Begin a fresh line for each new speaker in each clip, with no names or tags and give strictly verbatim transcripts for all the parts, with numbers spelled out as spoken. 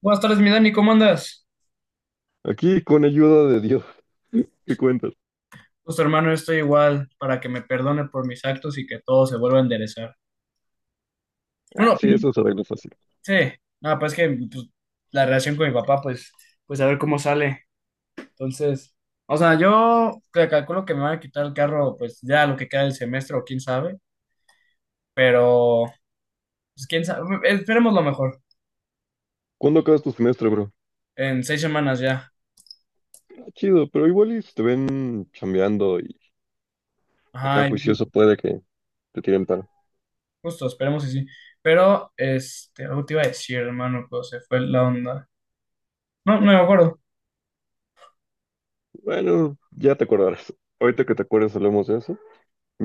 Buenas tardes, mi Dani, ¿cómo andas?
Aquí con ayuda de Dios, ¿qué cuentas?
Pues hermano, yo estoy igual para que me perdone por mis actos y que todo se vuelva a enderezar.
Ah,
Bueno,
sí, eso se arregla fácil.
sí, nada, pues que pues, la relación con mi papá, pues, pues a ver cómo sale. Entonces, o sea, yo que calculo que me van a quitar el carro, pues ya lo que queda del semestre o quién sabe, pero pues quién sabe, eh, esperemos lo mejor,
¿Cuándo acabas tu semestre, bro?
en seis semanas ya.
Ah, chido, pero igual y si te ven chambeando y acá
Ajá, y
juicioso puede que te tiren paro.
justo, esperemos que sí. Pero, este, algo te iba a decir, hermano, pero se fue la onda. No, no me acuerdo.
Bueno, ya te acordarás. Ahorita que te acuerdes hablamos de eso.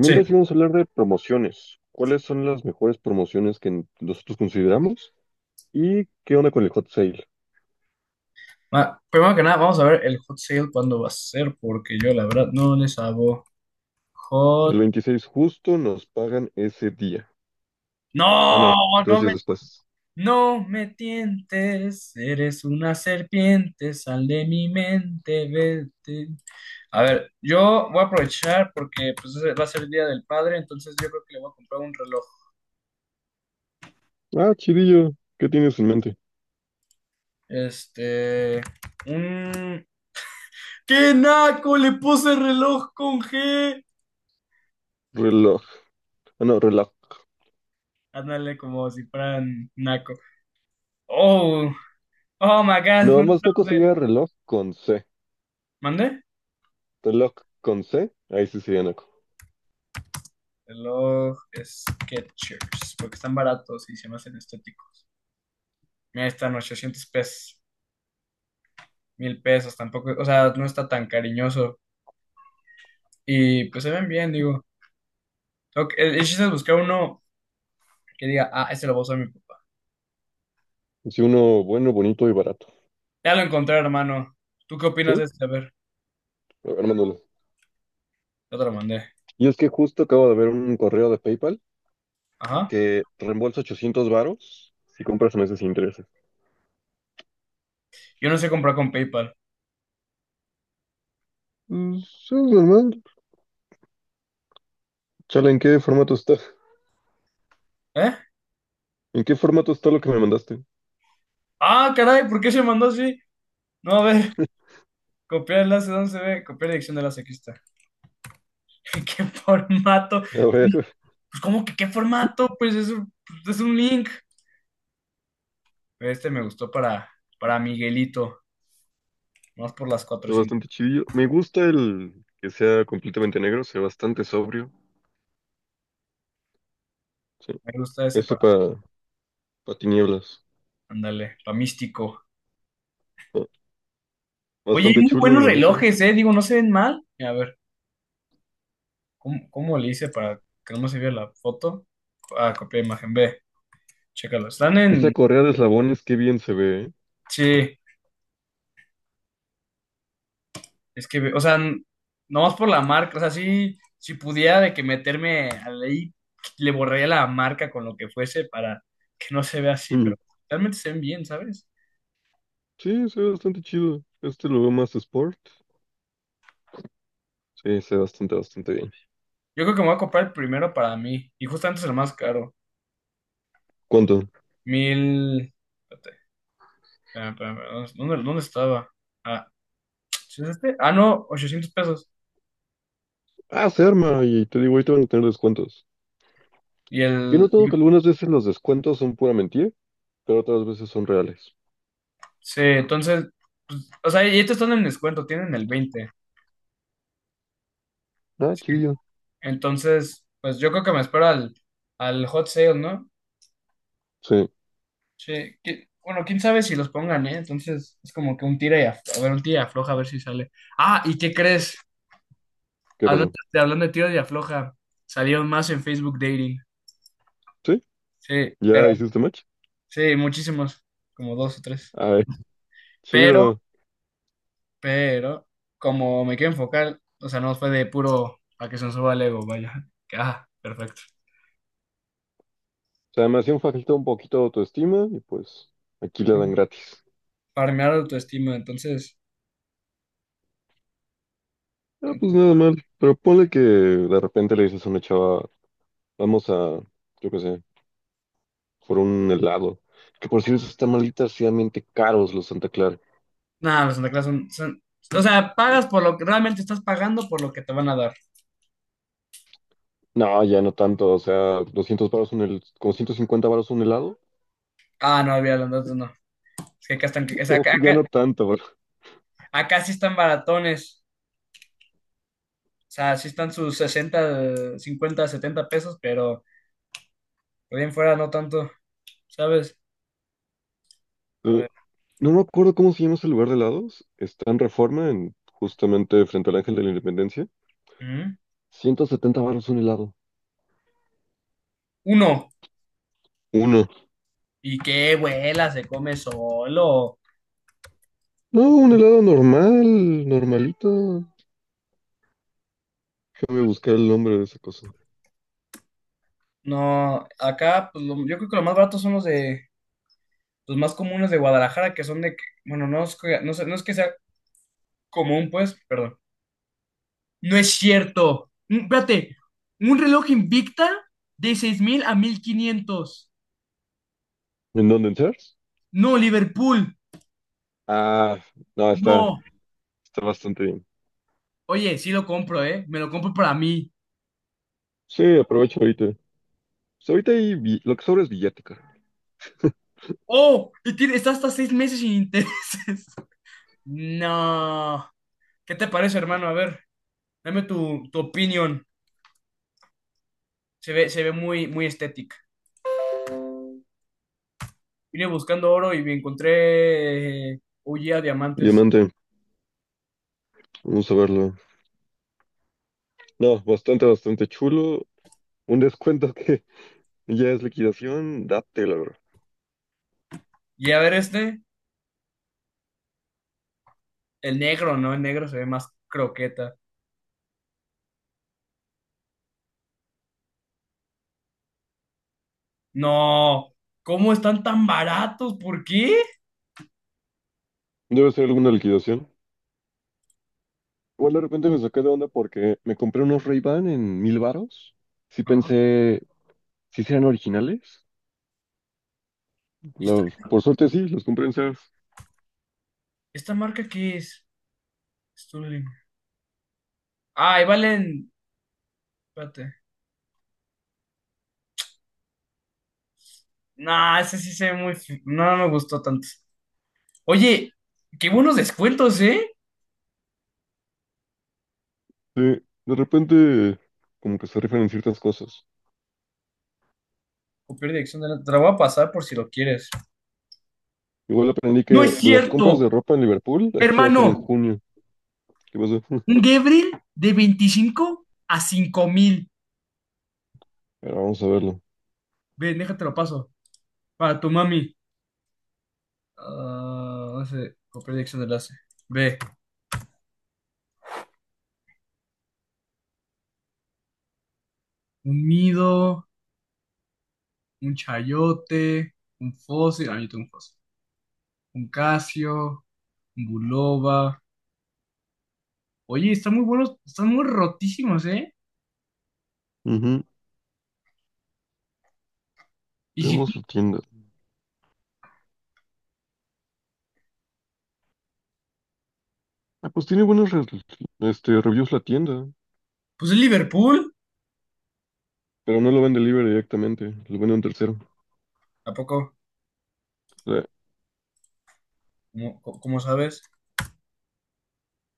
Sí.
íbamos a hablar de promociones. ¿Cuáles son las mejores promociones que nosotros consideramos? ¿Y qué onda con el hot sale?
Ah, primero que nada, vamos a ver el hot sale cuándo va a ser, porque yo la verdad no le sabo.
El
Hot.
veintiséis justo nos pagan ese día. Ah, no,
No,
dos
no me,
días después.
no me tientes, eres una serpiente, sal de mi mente, vete. A ver, yo voy a aprovechar porque pues, ese va a ser el Día del Padre, entonces yo creo que le voy a comprar un reloj.
Ah, chidillo. ¿Qué tienes en mente?
Este, un... ¡Qué naco! Le puse reloj con G.
Reloj. Ah, no, reloj.
Ándale como si fueran naco. Oh, oh my God.
Nada más Naco sería reloj con C.
¿Mande?
Reloj con C, ahí sí sería Naco.
Reloj Skechers, porque están baratos y se me hacen estéticos. Mira, están ochocientos pesos, mil pesos, tampoco, o sea, no está tan cariñoso. Y pues se ven bien, digo. Tengo que- El el chiste es buscar uno que diga, ah, este lo voy a usar mi papá.
Sí, uno bueno, bonito y barato.
Ya lo encontré, hermano. ¿Tú qué opinas de
¿Sí?
este? A ver,
A ver, mándalo.
ya te lo mandé.
Y es que justo acabo de ver un correo de PayPal
Ajá.
que reembolsa ochocientos varos si compras meses sin intereses.
Yo no sé comprar con PayPal.
Mm. Sí, es normal. ¿Chale, ¿en qué formato está?
¿Eh?
¿En qué formato está lo que me mandaste?
Ah, caray, ¿por qué se mandó así? No, a ver, copiar enlace, ¿dónde se ve? Copiar dirección de enlace, aquí está. ¿Qué formato?
A ver,
Pues como que qué formato, pues es un, es un link. Este me gustó para, para Miguelito, más por las
está
cuatrocientas.
bastante chidillo. Me gusta el que sea completamente negro, sea bastante sobrio. Sí.
Me gusta ese
Ese
para,
para pa tinieblas.
ándale, para Místico.
Ah,
Oye, hay
bastante
muy
chulo,
buenos
la neta.
relojes, ¿eh? Digo, no se ven mal. A ver, ¿cómo, cómo le hice para que no se vea la foto? Ah, copié imagen, ve, chécalo. Están
Esa
en,
correa de eslabones, qué bien se ve, ¿eh?
sí, es que, ve- o sea, n- nomás por la marca, o sea, sí, si pudiera de que meterme ahí, le borraría la marca con lo que fuese para que no se vea así,
Mm.
pero realmente se ven bien, ¿sabes?
Sí, se ve bastante chido. Este lo veo más sport. Sí, se ve bastante, bastante bien.
Yo creo que me voy a comprar el primero para mí. Y justamente es el más caro.
¿Cuánto?
Mil. Espérate, espérame, espérame, ¿Dónde, dónde- dónde estaba? Ah, ¿sí es este? Ah, no, ochocientos pesos.
Ah, se arma, y te digo, ahorita van a tener descuentos.
Y
Yo he
el.
notado que
y-
algunas veces los descuentos son pura mentira, pero otras veces son reales.
Sí, entonces, pues, o sea, y estos están en descuento, tienen el veinte.
Ah,
Sí.
chidillo.
Entonces, pues yo creo que me espero al, al hot sale, ¿no?
Sí,
Sí. qui- Bueno, quién sabe si los pongan, ¿eh? Entonces es como que un tira y afloja. A ver, un tira y afloja, a ver si sale. Ah, ¿y qué crees?
¿qué
Hablando,
pasó?
hablando de tira y afloja, salieron más en Facebook Dating.
¿Sí?
Sí, pero
¿Ya hiciste match?
sí, muchísimos, como dos o tres.
Ay,
Pero,
chido. O
pero, como me quiero enfocar, o sea, no fue de puro para que se nos suba el ego, vaya. Que, ah, perfecto.
sea, me hacían falta un poquito de autoestima y pues aquí la dan
Ujú.
gratis.
Para mirar autoestima, entonces,
Ah, pues nada mal. Pero ponle que de repente le dices a una chava, vamos a, yo qué sé, por un helado. Que por cierto, están malísimamente caros los Santa Clara.
nada, los Santa Claus son, son- o sea, pagas por lo que realmente estás pagando por lo que te van a dar.
No, ya no tanto, o sea, doscientos varos un helado, como ciento cincuenta varos un helado,
Ah, no, había entonces no. Es que acá están, o sea,
como
acá,
que ya
acá,
no tanto, bro.
acá sí están baratones. O sea, sí están sus sesenta, cincuenta, setenta pesos, pero por ahí en fuera no tanto, ¿sabes? A
Eh,
ver.
no me acuerdo cómo se llama ese lugar de helados, está en Reforma, en, justamente frente al Ángel de la Independencia,
Ujú.
ciento setenta varos un helado,
Uno,
uno.
y qué vuela, se come solo.
No, un helado normal, normalito, déjame buscar el nombre de esa cosa.
No, acá, pues lo- yo creo que lo más barato son los de los más comunes de Guadalajara, que son de, que- bueno, no es, que- no sé- no es que sea común, pues, perdón. No es cierto. Un- espérate, un reloj Invicta de seis mil a mil quinientos.
¿En dónde, en Sears?
No, Liverpool,
Ah, no, está,
no.
está bastante bien.
Oye, sí lo compro, ¿eh? Me lo compro para mí.
Sí, aprovecho ahorita. Pues ahorita hay bi- lo que sobra es billete, carnal.
Oh, y tiene, está hasta seis meses sin intereses. No. ¿Qué te parece, hermano? A ver. Dame tu, tu opinión. Se ve, se ve muy, muy estética. Vine buscando oro y me encontré eh, huye a diamantes.
Diamante, vamos a verlo. No, bastante, bastante chulo. Un descuento que ya es liquidación, date, la verdad.
Y a ver este, el negro, ¿no? El negro se ve más croqueta. No, ¿cómo están tan baratos? ¿Por qué?
Debe ser alguna liquidación. Igual de repente me saqué de onda porque me compré unos Ray-Ban en mil varos. Sí
Ah,
pensé, si sí eran originales.
¿y ¿Esta,
Los- por suerte sí, los compré en Sears.
esta marca qué es? Sterling. Ah, y valen. Espérate. Nah, ese sí se ve muy, fi- no, no me gustó tanto. Oye, qué buenos descuentos, ¿eh?
Sí, de repente como que se rifan en ciertas cosas.
Copiar dirección de la. Te la voy a pasar por si lo quieres.
Igual aprendí
¡No es
que las compras de
cierto!
ropa en Liverpool, las chidas son en
Hermano,
junio. ¿Qué pasa?
un Gebril de veinticinco a cinco mil.
Pero vamos a verlo.
Ve, déjate lo paso. Para tu mami. Ah, no sé, copiar dirección de enlace. Ve, un Mido, un Chayote, un Fósil. Ah, yo tengo un Fósil. Un Casio, un Bulova. Oye, están muy buenos, están muy rotísimos, ¿eh?
Ujú.
Y si,
Veamos
cu-
su tienda. Ah, pues tiene buenos re- este, reviews la tienda,
pues es Liverpool.
pero no lo vende libre directamente, lo vende un tercero.
¿A poco?
O sea,
¿Cómo, cómo sabes?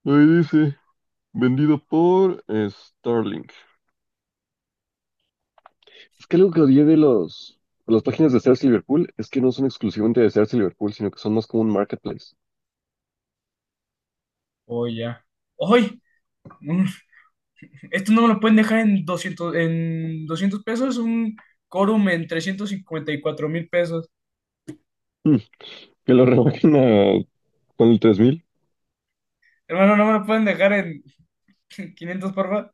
ahí dice, vendido por eh, Starlink. Es que algo que odié de los, de las páginas de Sears Liverpool es que no son exclusivamente de Sears Liverpool, sino que son más como un marketplace.
Oye, ya. ¡Ay! No, no, no. Esto no me lo pueden dejar en doscientos, en doscientos pesos, un quórum en trescientos cincuenta y cuatro mil pesos.
Mm, que lo rebajen a con el tres mil
Hermano, no me lo pueden dejar en quinientos, por favor.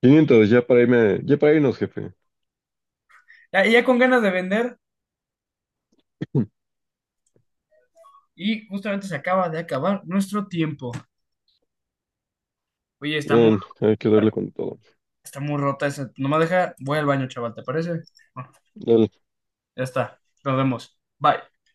quinientos ya para irme, ya para irnos, jefe.
Ya, ya con ganas de vender
Hmm.
y justamente se acaba de acabar nuestro tiempo. Oye, está muy,
Bien, hay que darle
rota-
con todo.
está muy rota esa. Nomás deja, voy al baño, chaval, ¿te parece? Bueno,
Dale.
ya está, nos vemos. Bye.